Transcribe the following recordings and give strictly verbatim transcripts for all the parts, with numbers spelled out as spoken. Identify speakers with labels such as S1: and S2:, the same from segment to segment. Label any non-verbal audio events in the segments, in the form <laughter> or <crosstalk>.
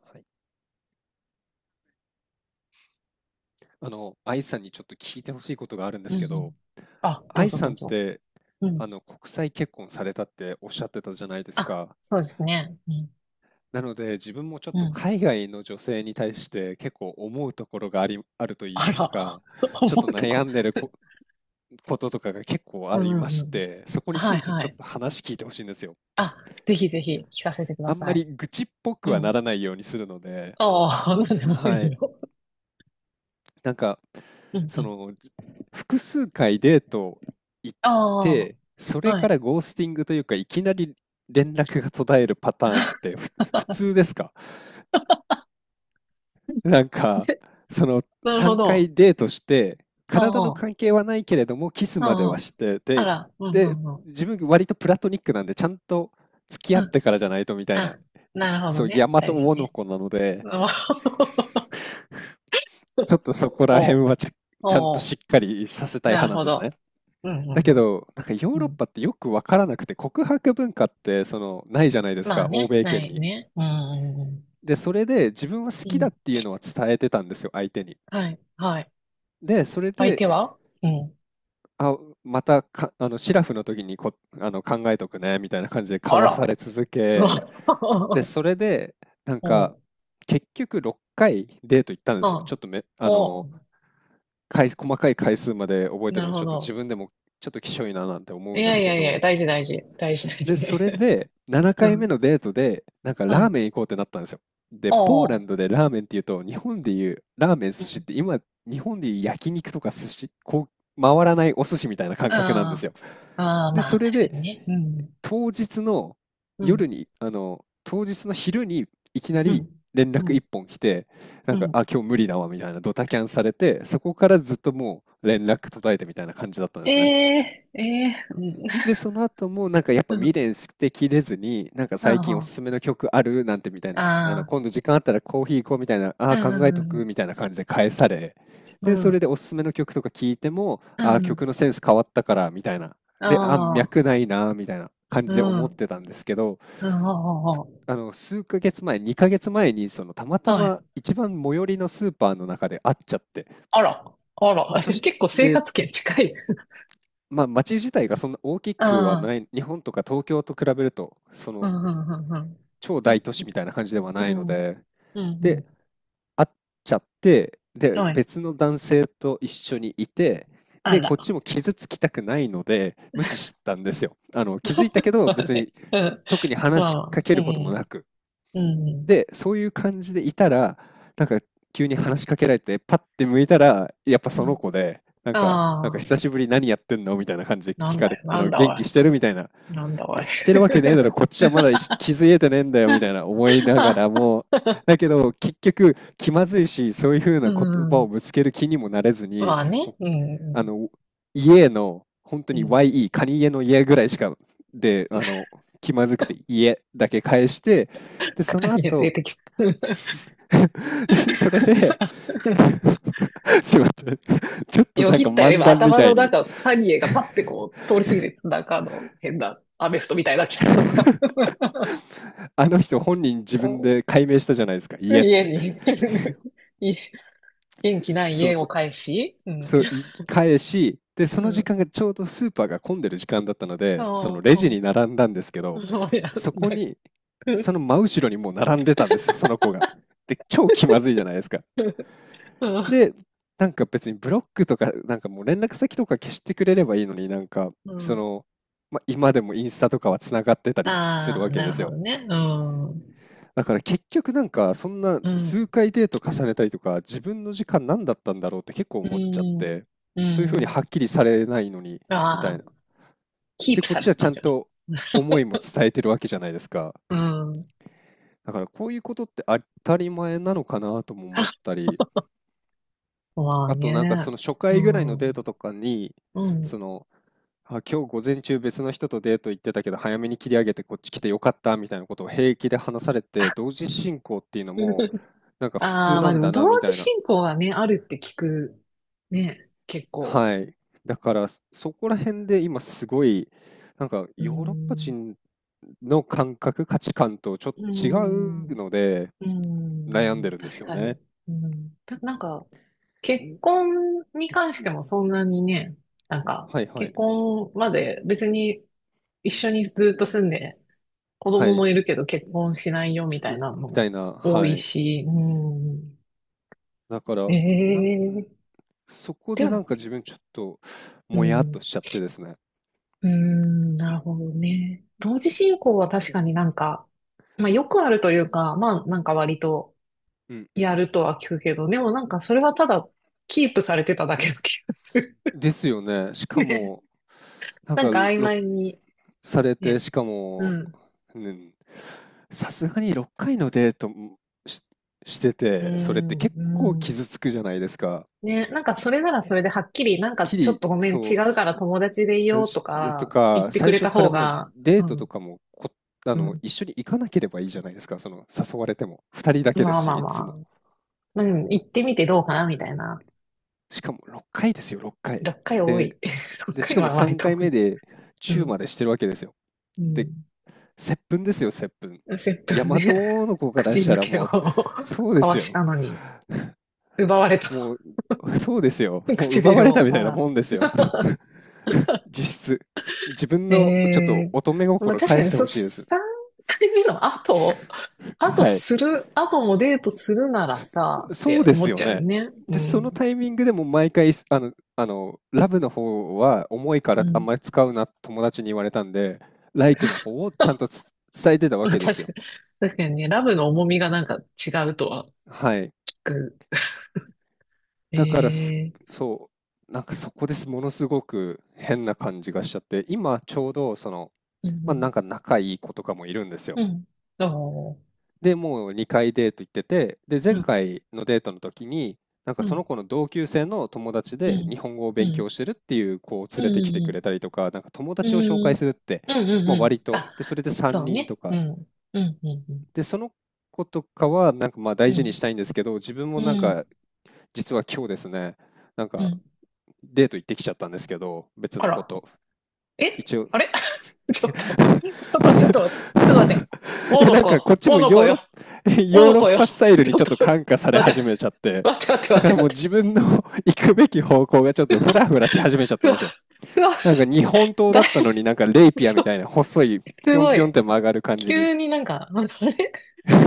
S1: はい。あの、愛さんにちょっと聞いてほしいことがあるんで
S2: うん
S1: す
S2: う
S1: けど、
S2: ん。あ、どう
S1: 愛
S2: ぞど
S1: さ
S2: う
S1: んっ
S2: ぞ。
S1: て、
S2: うん。
S1: あの、国際結婚されたっておっしゃってたじゃないです
S2: あ、
S1: か。
S2: そうですね。うん。
S1: なので、自分もちょっ
S2: う
S1: と
S2: ん。
S1: 海外の女性に対して結構思うところがあり、あると言い
S2: あ
S1: ます
S2: ら、
S1: か、
S2: <laughs> 思
S1: ちょっと
S2: うとこ。
S1: 悩んでるこ、こととかが結構
S2: う
S1: あり
S2: んう
S1: ま
S2: ん
S1: し
S2: うん。
S1: て、そこにつ
S2: はい
S1: いて
S2: は
S1: ちょっ
S2: い。
S1: と話聞いてほしいんですよ。
S2: あ、ぜひ
S1: ち
S2: ぜひ聞かせてくだ
S1: あん
S2: さ
S1: ま
S2: い。
S1: り愚痴っぽ
S2: う
S1: くは
S2: ん。
S1: ならないようにするので、
S2: ああ、なんでもい
S1: は
S2: い
S1: い。
S2: よ。
S1: なんか、
S2: うんう
S1: そ
S2: ん。
S1: の複数回デート行っ
S2: あ
S1: て、そ
S2: あ、
S1: れ
S2: は
S1: か
S2: い。
S1: らゴースティングというか、いきなり連絡が途絶えるパターンってふ普通ですか？なんかその
S2: <laughs> なるほ
S1: 3
S2: ど。
S1: 回デートして、
S2: あ
S1: 体の
S2: あ、
S1: 関係はないけれどもキスまで
S2: あ
S1: は
S2: あ。
S1: して、
S2: あ
S1: で
S2: ら、うんう
S1: で
S2: んうん。
S1: 自分割とプラトニックなんで、ちゃんと付き
S2: う
S1: 合っ
S2: ん。
S1: てからじゃないとみたいな、
S2: あ、なるほど
S1: そう大
S2: ね。
S1: 和
S2: 大事
S1: 大の
S2: ね。
S1: 子なので、
S2: お
S1: ちょっとそこら辺
S2: お、
S1: はちゃ
S2: <laughs>
S1: ちゃん
S2: お
S1: と
S2: お。
S1: しっかりさせたい
S2: な
S1: 派
S2: る
S1: なん
S2: ほ
S1: ですね。
S2: ど。うん、う
S1: だ
S2: ん、
S1: けど、なんかヨー
S2: うん。う
S1: ロッ
S2: ん、
S1: パってよくわからなくて、告白文化ってそのないじゃないです
S2: ま
S1: か、
S2: あ
S1: 欧
S2: ね、
S1: 米圏
S2: ない
S1: に。
S2: ね。うん、うん、うん。
S1: で、それで自分は好
S2: う
S1: きだっ
S2: ん、
S1: ていうのは伝えてたんですよ、相手に。
S2: はい、はい。
S1: で、それ
S2: 相
S1: で、
S2: 手は、うん。
S1: あ、またか、あの、シラフの時にこ、あの、考えとくね、みたいな感じで
S2: あ
S1: 交わさ
S2: ら。
S1: れ続
S2: う
S1: け、
S2: わ。
S1: で、
S2: <laughs>
S1: それで、なんか、
S2: おう、
S1: 結局ろっかいデート行ったんですよ。
S2: あ、
S1: ちょっとめ、あ
S2: お
S1: の、
S2: う、
S1: 回細かい回数まで覚えて
S2: な
S1: る
S2: る
S1: ので、ち
S2: ほ
S1: ょっと自
S2: ど。
S1: 分でもちょっときしょいななんて思
S2: い
S1: うんで
S2: や
S1: す
S2: い
S1: け
S2: やいや、
S1: ど、
S2: 大事大事。大事大
S1: で、
S2: 事。
S1: それ
S2: <laughs>
S1: で、7
S2: う
S1: 回目
S2: ん。
S1: のデートで、なんか
S2: は
S1: ラー
S2: い。
S1: メン行こうってなったんですよ。で、ポーラ
S2: お
S1: ンド
S2: う。
S1: でラーメンっていうと、日本でいうラーメン、寿
S2: う
S1: 司っ
S2: ん。
S1: て今、日本でいう焼肉とか寿司、こう、回らないお寿司みたいな感覚なんで
S2: あ
S1: すよ。
S2: あ、ああ、
S1: で、
S2: ま
S1: そ
S2: あ、
S1: れ
S2: 確か
S1: で、
S2: にね。うん。
S1: 当日の
S2: う
S1: 夜
S2: ん。
S1: に、あの、当日の昼にいきな
S2: う
S1: り
S2: ん。
S1: 連
S2: う
S1: 絡一
S2: ん。
S1: 本来て、な
S2: う
S1: んか、
S2: ん。
S1: あ、今日無理だわみたいなドタキャンされて、そこからずっともう連絡途絶えてみたいな感じだったんですね。
S2: ええええ。
S1: で、その後もなんかやっぱ
S2: うん。
S1: 未
S2: <laughs>
S1: 練捨てきれずに、なんか最
S2: あ
S1: 近おすすめの曲あるなんてみたい
S2: あ、
S1: な、あ
S2: あ
S1: の
S2: あ、
S1: 今度時間あったらコーヒー行こうみたいな、あ
S2: う
S1: あ
S2: ん、
S1: ー
S2: う
S1: 考えと
S2: ん、
S1: く
S2: う
S1: みたいな感じで返され、
S2: ん。
S1: で、
S2: う
S1: それ
S2: ん
S1: でおすすめの曲とか聞いても、
S2: う
S1: ああ
S2: ん。
S1: 曲のセンス変わったからみたいな、で、ああ
S2: ああ、
S1: 脈ないなみたいな感
S2: う
S1: じで思
S2: ん。
S1: ってたんですけど、
S2: うん。ああ、
S1: あの数ヶ月前、にかげつまえにそのたまた
S2: あ、は
S1: ま
S2: い。
S1: 一番最寄りのスーパーの中で会っちゃって、
S2: あら。あら。
S1: で、そ
S2: <laughs>
S1: し
S2: 結構生
S1: て、
S2: 活圏近い。
S1: まあ、街自体がそんな大きくは
S2: ああ、
S1: ない、日本とか東京と比べると、そ
S2: うん、
S1: の
S2: うん、
S1: 超
S2: う
S1: 大都
S2: ん、
S1: 市みたいな感じでは
S2: うん。う
S1: ないの
S2: ん、
S1: で、
S2: うん、う
S1: で、
S2: ん。
S1: 会っちゃって、で、
S2: はい。
S1: 別の男性と一緒にいて、
S2: あ
S1: で、こっ
S2: ら。
S1: ちも傷つきたくないので、無視したんですよ。あの、気づいたけ
S2: <laughs>
S1: ど、
S2: まあ
S1: 別に
S2: ね。うん。
S1: 特に
S2: ま
S1: 話し
S2: あ、
S1: かけ
S2: う
S1: ることも
S2: ん、
S1: なく。
S2: うん、
S1: で、そういう感じでいたら、なんか急に話しかけられて、パッて向いたら、やっぱ
S2: う
S1: その子で、
S2: ん。
S1: なんか、なんか
S2: ああ、
S1: 久しぶり何やってんのみたいな感じで
S2: な
S1: 聞
S2: ん
S1: か
S2: だ
S1: れ、
S2: よ、
S1: あ
S2: なん
S1: の、
S2: だお
S1: 元
S2: い。
S1: 気してるみたいな、い
S2: なんだお
S1: や、
S2: い。
S1: してるわけねえだろ、こっちはまだ気づいてねえんだよみたいな思いな
S2: <laughs>
S1: がら
S2: あ、
S1: も、だけど結局気まずいし、そういうふう
S2: う
S1: な言葉を
S2: ん。
S1: ぶつける気にもなれずに、
S2: まあ
S1: も
S2: ね。う
S1: うあ
S2: ん、
S1: の家の本当
S2: うん、
S1: に
S2: うん。
S1: ワイイー、カニ家の家ぐらいしかで、あの気まずくて家だけ返して、で、そ
S2: カ
S1: の
S2: ニ出
S1: 後
S2: てきた。
S1: <laughs> それで
S2: <laughs>
S1: <laughs> すいません、ちょっと
S2: よ
S1: なんか
S2: ぎったよ。
S1: 漫
S2: 今、
S1: 談み
S2: 頭
S1: た
S2: の
S1: いに
S2: 中、カニエがパッてこう、通り過ぎて、なんかあの、変な、アメフトみたいな来たのが。
S1: <laughs>
S2: <laughs>
S1: あの人本人自分で解明したじゃないですか、家っ
S2: 家
S1: て。
S2: に、 <laughs> い、元気ない
S1: そう、
S2: 家を返し、うん。
S1: そう、い返し、で、そ
S2: う
S1: の時
S2: ん。
S1: 間がちょうどスーパーが混んでる時間だったので、その
S2: そ
S1: レ
S2: う、う
S1: ジ
S2: ん。
S1: に並んだんですけど、
S2: そうや
S1: そ
S2: んな。
S1: こに、その真後ろにもう並んでたんですよ、その子が。で、超気まずいじゃないですか。
S2: うん。
S1: で、なんか別にブロックとか、なんかもう連絡先とか消してくれればいいのに、なんか、
S2: う
S1: そ
S2: ん。
S1: の、まあ、今でもインスタとかはつながってたりすする
S2: ああ、
S1: わけ
S2: な
S1: で
S2: る
S1: す
S2: ほ
S1: よ。
S2: どね。うん。
S1: だから結局なんかそんな
S2: う
S1: 数
S2: ん。
S1: 回デート重ねたりとか自分の時間何だったんだろうって結構
S2: う
S1: 思っちゃっ
S2: ん。
S1: て、
S2: う
S1: そういうふうに
S2: ん。
S1: はっきりされないのにみ
S2: あ
S1: たい
S2: あ、
S1: な。
S2: キー
S1: で
S2: プ
S1: こっ
S2: され
S1: ちは
S2: て
S1: ち
S2: た
S1: ゃ
S2: ん
S1: ん
S2: じゃない、
S1: と思いも伝えてるわけじゃないですか。
S2: うん。
S1: だからこういうことって当たり前なのかなとも思っ
S2: あ、
S1: たり、
S2: まあ
S1: あ
S2: ね。
S1: となんかその初
S2: う
S1: 回ぐらい
S2: ん。
S1: のデートとかに、
S2: う
S1: そ
S2: ん。
S1: の、あ、今日午前中別の人とデート行ってたけど早めに切り上げてこっち来てよかったみたいなことを平気で話され
S2: あ。
S1: て、同時進行っていうのも
S2: <laughs>
S1: なんか普
S2: あ
S1: 通
S2: あ、ま
S1: な
S2: あで
S1: ん
S2: も
S1: だ
S2: 同
S1: なみ
S2: 時
S1: たいな。
S2: 進行はね、あるって聞く。ね、結構。
S1: はい。だからそこら辺で今すごい、なんか
S2: うー
S1: ヨーロッパ
S2: ん。
S1: 人の感覚、価値観とちょっ
S2: うー
S1: と違
S2: ん。
S1: う
S2: う
S1: ので
S2: ー
S1: 悩んで
S2: ん、
S1: るんです
S2: 確
S1: よ
S2: か
S1: ね。
S2: に。うん。た、なんか、結婚に関してもそんなにね、なんか、
S1: はいはい。
S2: 結婚まで別に一緒にずっと住んで、子
S1: は
S2: 供も
S1: い。
S2: いるけど結婚しないよみ
S1: し
S2: たい
S1: み
S2: なの
S1: た
S2: も
S1: いな。
S2: 多
S1: は
S2: い
S1: い。
S2: し、うん。
S1: だから、なん
S2: ええ、
S1: そこ
S2: で
S1: でな
S2: も、
S1: んか自分ちょっと
S2: う
S1: もやっと
S2: ん。
S1: しちゃってですね。
S2: うーん、なるほどね。同時進行は確かになんか、まあよくあるというか、まあなんか割と
S1: うんう
S2: や
S1: ん。
S2: るとは聞くけど、でもなんかそれはただキープされてただけの気がする。
S1: ですよね。し
S2: <laughs>
S1: か
S2: ね。
S1: も、なん
S2: なん
S1: か、
S2: か曖
S1: ろ
S2: 昧に、
S1: されて、
S2: ね。
S1: しか
S2: う
S1: も、
S2: ん。
S1: うん、さすがにろっかいのデート、しして
S2: う
S1: て、それって
S2: ん、
S1: 結構
S2: うん。
S1: 傷つくじゃないですか。
S2: ね、なんかそれならそれではっきり、なんかちょっ
S1: 日々、
S2: とごめん、
S1: そ
S2: 違
S1: う、
S2: う
S1: す
S2: から友達でいようと
S1: 私よと
S2: か言っ
S1: か、
S2: てく
S1: 最
S2: れ
S1: 初
S2: た
S1: から
S2: 方
S1: もう
S2: が、
S1: デー
S2: う
S1: トと
S2: ん、
S1: かも、こあ
S2: う
S1: の、
S2: ん。
S1: 一緒に行かなければいいじゃないですか、その、誘われても。ふたりだけで
S2: ま
S1: す
S2: あ
S1: し、
S2: まあ
S1: い
S2: ま
S1: つも。
S2: あ。うん、行ってみてどうかなみたいな。
S1: しかもろっかいですよ、ろっかい。
S2: ろっかい多
S1: で
S2: い。<laughs> 6
S1: で、し
S2: 回
S1: かも
S2: は割
S1: 3
S2: と
S1: 回
S2: 多
S1: 目
S2: い。
S1: で
S2: う
S1: チュー
S2: ん、
S1: までしてるわけですよ。
S2: う
S1: で、
S2: ん。
S1: 接吻ですよ、接吻。大
S2: じゅう
S1: 和
S2: ね。
S1: 王の子
S2: <laughs>
S1: から
S2: 口
S1: した
S2: づ
S1: ら
S2: けを <laughs>
S1: もう、
S2: 交
S1: そうで
S2: わ
S1: す
S2: し
S1: よ。
S2: たのに、奪われた。
S1: もう、そうですよ。
S2: <laughs>
S1: もう奪
S2: 唇
S1: われた
S2: を。
S1: みた
S2: あ
S1: いな
S2: ら。
S1: もんですよ。実質。自分
S2: え
S1: のちょっと
S2: え、
S1: 乙女
S2: まあ、
S1: 心
S2: 確か
S1: 返
S2: に、
S1: して
S2: そ、
S1: ほしいです。
S2: さんかいめの後、後
S1: はい。
S2: する、後もデートするならさ、っ
S1: そう
S2: て
S1: で
S2: 思
S1: す
S2: っ
S1: よ
S2: ちゃう
S1: ね。
S2: ね。う
S1: で、その
S2: ん。
S1: タイミングでも毎回、あの、あの、ラブの方は重いか
S2: う
S1: らあん
S2: ん。
S1: まり使うな、友達に言われたんで、ライクの方をちゃ
S2: <laughs>
S1: んとつ伝えてたわ
S2: まあ、
S1: けです
S2: 確か
S1: よ。
S2: に、確かにね、ラブの重みがなんか違うとは
S1: はい。
S2: 聞く。
S1: だからす、
S2: ええ、
S1: そう、なんかそこです、ものすごく変な感じがしちゃって、今ちょうどその、
S2: う
S1: まあ、なん
S2: ん、
S1: か仲いい子とかもいるんですよ。
S2: うん、うん。おー、
S1: で、もうにかいデート行ってて、で、
S2: う
S1: 前
S2: ん、
S1: 回のデートの時に、なんか
S2: う
S1: そ
S2: ん、
S1: の子の同級生の友達
S2: う
S1: で日
S2: ん、
S1: 本語を
S2: う
S1: 勉強
S2: ん、
S1: してるっていう子を
S2: う
S1: 連
S2: ん、
S1: れてきてく
S2: う
S1: れた
S2: ん。
S1: りとか、なんか友
S2: う
S1: 達を紹介
S2: ん。
S1: するって、
S2: うんうん
S1: まあ、
S2: う
S1: 割
S2: ん。
S1: と、
S2: あ、
S1: で、それで3
S2: そう
S1: 人と
S2: ね。う
S1: か、
S2: ん。うんうん
S1: で、その子とかはなんかまあ
S2: う
S1: 大事に
S2: ん。
S1: したいんですけど、自分も
S2: うん。
S1: なん
S2: う
S1: か
S2: ん。
S1: 実は今日ですね、なん
S2: う
S1: か
S2: ん、
S1: デート行ってきちゃったんですけど、別
S2: あ
S1: のこ
S2: ら。
S1: と。
S2: え、
S1: 一応
S2: あれ。
S1: <laughs> い
S2: <laughs> ちょっと、ちょっと、ちょっと、ちょっと待って。お
S1: や、
S2: の
S1: なんかこ
S2: こ、
S1: っち
S2: お
S1: も
S2: のこ
S1: ヨー
S2: よ。
S1: ロッ、<laughs>
S2: お
S1: ヨー
S2: の
S1: ロッ
S2: こよ。
S1: パ
S2: ち
S1: スタイルに
S2: ょっ
S1: ちょっ
S2: と、
S1: と感化され
S2: 待っ
S1: 始
S2: て、
S1: めちゃって、
S2: 待って、待って、
S1: だか
S2: 待っ
S1: ら
S2: て、待
S1: もう
S2: って。
S1: 自分の <laughs> 行くべき方向がちょっとフラフラし始めちゃっ
S2: う
S1: たん
S2: わ、
S1: ですよ。
S2: うわ、
S1: なんか日本刀
S2: だ
S1: だ
S2: い
S1: ったのになんかレイピアみ
S2: ぶ、
S1: たいな細いピ
S2: す
S1: ヨン
S2: ご
S1: ピヨンっ
S2: い。
S1: て曲がる感じに
S2: 急になんか、なんかあれ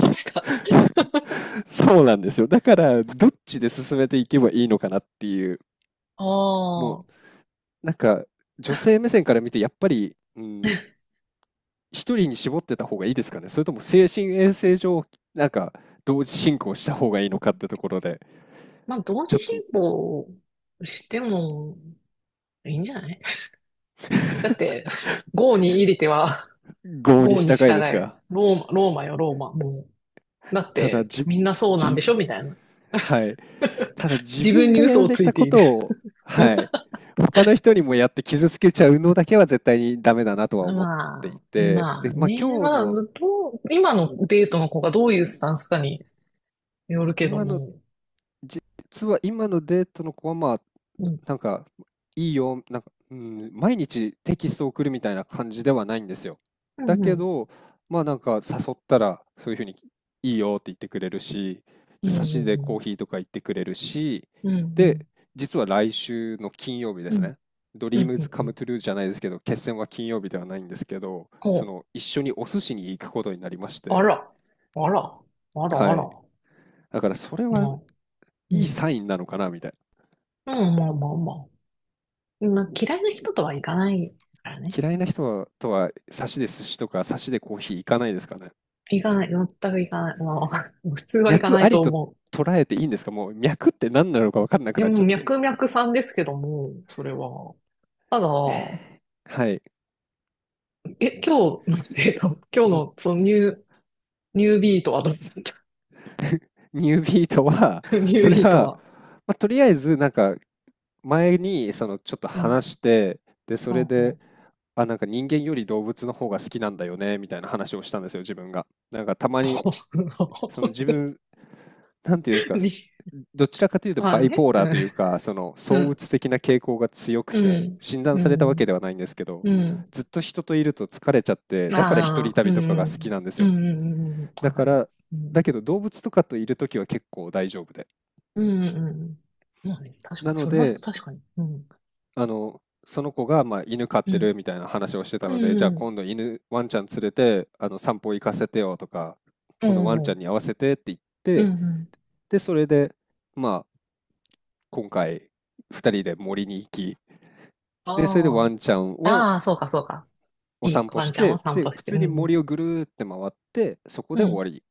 S2: どうした。
S1: <laughs> そうなんですよ。だからどっちで進めていけばいいのかなっていう、
S2: ああ
S1: も
S2: ー。
S1: うなんか女性目線から見てやっぱり、うん、一人に絞ってた方がいいですかね、それとも精神衛生上、なんか同時進行した方がいいのかってところで、
S2: まあ、同
S1: ちょ
S2: 時
S1: っ
S2: 進
S1: と
S2: 行してもいいんじゃない、だって、郷に入りては、
S1: 合に
S2: ゴー
S1: し
S2: に
S1: たかい
S2: 従
S1: です
S2: えよ。
S1: が、
S2: ローマ、ローマよ、ローマ。もう。だっ
S1: ただ
S2: て、
S1: じ、
S2: みんなそうなん
S1: じ、
S2: でしょみたいな。
S1: はい。ただ自
S2: 自分
S1: 分
S2: に
S1: がや
S2: 嘘
S1: ら
S2: を
S1: れ
S2: つい
S1: た
S2: て
S1: こ
S2: いる。
S1: とを、はい、
S2: <laughs>
S1: 他の人にもやって傷つけちゃうのだけは絶対にダメだなとは思って
S2: ま
S1: い
S2: あ、
S1: て、
S2: まあ
S1: で、まあ
S2: ね。
S1: 今日
S2: まあ、
S1: の、
S2: どう、今のデートの子がどういうスタンスかによるけど
S1: 今の
S2: も。
S1: 実は今のデートの子は、まあ、
S2: う
S1: な
S2: ん。
S1: なんか、いいよ、なんか、うん、毎日テキストを送るみたいな感じではないんですよ。
S2: う
S1: だ
S2: ん、う
S1: け
S2: ん。
S1: ど、まあなんか誘ったら、そういうふうにいいよって言ってくれるし、
S2: う
S1: で、差
S2: ん、
S1: しで
S2: う
S1: コー
S2: ん、
S1: ヒーとか言ってくれるし、
S2: うん、うん、
S1: で、実は来週の金曜日で
S2: う
S1: す
S2: ん、
S1: ね。ド
S2: う
S1: リー
S2: ん、
S1: ム
S2: う
S1: ズ
S2: ん
S1: カ
S2: う
S1: ム
S2: ん。
S1: トゥルーじゃないですけど、決戦は金曜日ではないんですけど、
S2: お、
S1: その一緒にお寿司に行くことになりまし
S2: あ
S1: て、
S2: ら、あら、あら、あ
S1: はい。
S2: ら。
S1: だからそれ
S2: ま
S1: は
S2: あ、う
S1: いい
S2: ん。
S1: サインなのかなみたいな。
S2: うん、まあまあまあ。まあ、嫌いな人とはいかないからね。
S1: 嫌いな人はとは、サしで寿司とか、サしでコーヒー行かないですかね。
S2: 行かない、全く行かない。まあ、<laughs> もう普通は行か
S1: 脈
S2: な
S1: あ
S2: い
S1: り
S2: と
S1: と
S2: 思う。
S1: 捉えていいんですか？もう脈って何なのか分かんなく
S2: で
S1: なっ
S2: も、
S1: ちゃって。
S2: 脈々さんですけども、それは。ただ、
S1: <laughs> はい。
S2: え、今日、なんていうの、今日の、
S1: <laughs>
S2: その、ニュー、ニュービートはどうだっ
S1: ニュービートは、
S2: た。 <laughs> ニュー
S1: それ
S2: ビート
S1: は、
S2: は。
S1: まあ、とりあえず、なんか、前に、その、ちょっと
S2: うん。
S1: 話して、で、そ
S2: あ
S1: れ
S2: あ、
S1: で、あ、なんか人間より動物の方が好きなんだよね、みたいな話をしたんですよ、自分が。なんか、たまに
S2: あ。
S1: その自分、なんていうんです
S2: <laughs>
S1: か、
S2: に、
S1: どちらかというと
S2: ま
S1: バ
S2: あ
S1: イ
S2: ね。
S1: ポーラーというか、その
S2: う
S1: 躁
S2: ん。
S1: 鬱的な傾向が強く
S2: う
S1: て、
S2: ん。
S1: 診断
S2: う
S1: されたわけ
S2: ん。
S1: ではないんですけど、
S2: うん。う
S1: ずっと人といると疲れちゃって、
S2: ん、
S1: だから一
S2: あ
S1: 人
S2: あ、う
S1: 旅とかが好き
S2: ん。
S1: なんです
S2: うん。うん。う
S1: よ。
S2: ん。うん、
S1: だ
S2: わか
S1: か
S2: ります。
S1: ら、
S2: う
S1: だけ
S2: ん。
S1: ど動物とかといるときは結構大丈夫で。
S2: うん。うん。うん、まあね、確か
S1: な
S2: に、
S1: の
S2: それは
S1: で、
S2: 確かに。うん。
S1: あの、その子がまあ犬飼っ
S2: う
S1: て
S2: ん。
S1: るみたいな話をしてたので、じ
S2: う
S1: ゃあ
S2: ん。
S1: 今度犬、ワンちゃん連れて、あの散歩行かせてよとか、
S2: う
S1: このワン
S2: んう
S1: ちゃん
S2: ん。
S1: に合わせてって言っ
S2: うん
S1: て、
S2: うん。
S1: で、それで、まあ、今回二人で森に行き、で、それで
S2: あ
S1: ワ
S2: あ。
S1: ンちゃんを
S2: ああ、そうかそうか。
S1: お
S2: いい
S1: 散歩
S2: ワン
S1: し
S2: ちゃんを
S1: て、
S2: 散
S1: で、
S2: 歩
S1: 普
S2: して。
S1: 通
S2: う
S1: に
S2: んう
S1: 森
S2: ん。
S1: をぐるーって回って、そこ
S2: う
S1: で終わ
S2: ん。
S1: り。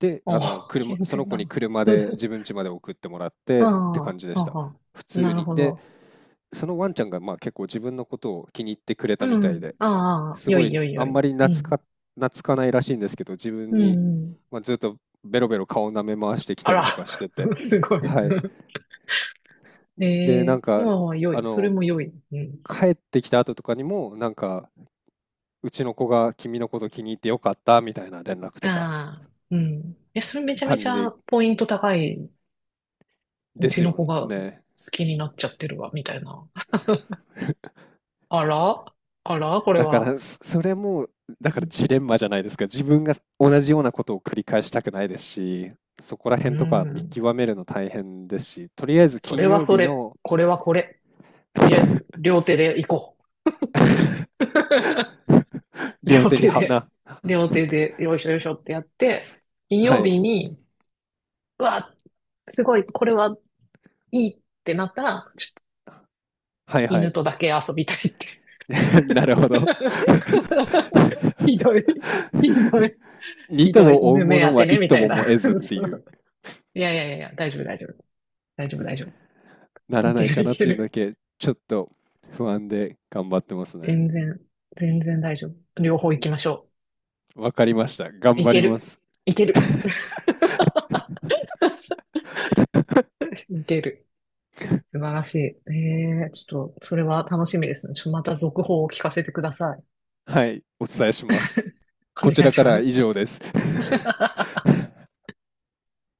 S1: で、
S2: お
S1: あの、
S2: お、
S1: 車、
S2: 健
S1: その
S2: 全
S1: 子
S2: だ
S1: に
S2: な。
S1: 車で
S2: <laughs>
S1: 自分家まで送ってもらっ
S2: あ
S1: てって
S2: あ、は
S1: 感じで
S2: あ
S1: した。
S2: は
S1: 普
S2: あ。
S1: 通
S2: なる
S1: に。
S2: ほ
S1: で、
S2: ど。
S1: そのワンちゃんがまあ結構自分のことを気に入ってくれ
S2: う
S1: たみたい
S2: ん。
S1: で、
S2: ああ、
S1: す
S2: よ
S1: ご
S2: い
S1: い
S2: よい
S1: あ
S2: よい。
S1: んまり
S2: う
S1: 懐
S2: ん。
S1: か、懐かないらしいんですけど、自
S2: う
S1: 分
S2: んう
S1: に、
S2: ん。
S1: まあ、ずっとベロベロ顔舐め回してき
S2: あ
S1: たり
S2: ら、
S1: とかしてて、
S2: <laughs> すごい。
S1: はい。
S2: <laughs>
S1: で、
S2: え
S1: な
S2: え、
S1: んか、
S2: もう良
S1: あ
S2: い。それ
S1: の、
S2: も良い。うん。
S1: 帰ってきた後とかにも、なんか、うちの子が君のこと気に入ってよかったみたいな連絡とか、
S2: ああ、うん。え、それめちゃめ
S1: 感
S2: ち
S1: じ
S2: ゃ
S1: で、
S2: ポイント高い、う
S1: で
S2: ち
S1: す
S2: の
S1: よ
S2: 子が好
S1: ね。
S2: きになっちゃってるわ、みたいな。あら、あら、これ
S1: だか
S2: は。
S1: ら、そそれも、だからジレンマじゃないですか。自分が同じようなことを繰り返したくないですし、そこら
S2: うー
S1: 辺とか見
S2: ん。
S1: 極めるの大変ですし、とりあえず
S2: そ
S1: 金
S2: れは
S1: 曜
S2: そ
S1: 日
S2: れ。
S1: の
S2: これはこれ。とりあえず、両手で行こ
S1: <laughs>
S2: う。<laughs>
S1: 両
S2: 両
S1: 手に
S2: 手で、
S1: 花。
S2: 両手で、よいしょよいしょってやって、金
S1: は
S2: 曜日
S1: い。
S2: に、うわ、すごい、これはいいってなったら、ちょっと
S1: はいは
S2: 犬
S1: い。
S2: とだけ遊びたいって。
S1: <laughs> なるほど。
S2: <laughs> ひどい、ひどい、
S1: <laughs> に
S2: ひ
S1: と
S2: どい、
S1: も追う
S2: 犬
S1: も
S2: 目
S1: の
S2: 当て
S1: は
S2: ね、
S1: 一
S2: み
S1: と
S2: たい
S1: もも
S2: な。
S1: 得
S2: <laughs>
S1: ずっていう。
S2: いやいやいやいや、大丈夫大丈夫。大丈夫大丈
S1: な
S2: 夫。
S1: ら
S2: い
S1: な
S2: け
S1: いか
S2: るい
S1: なっ
S2: け
S1: ていうのだ
S2: る。
S1: けちょっと不安で頑張ってますね。
S2: 全然、全然大丈夫。両方行きましょ
S1: わかりました。頑
S2: う。い
S1: 張
S2: け
S1: りま
S2: る、
S1: す。
S2: いける。
S1: <laughs>
S2: 見てる。素晴らしい。ええちょっと、それは楽しみですね。ちょ、また続報を聞かせてください。
S1: はい、お伝えします。
S2: お
S1: こち
S2: 願い
S1: らか
S2: し
S1: ら
S2: ま
S1: は
S2: す。
S1: 以上です。<laughs>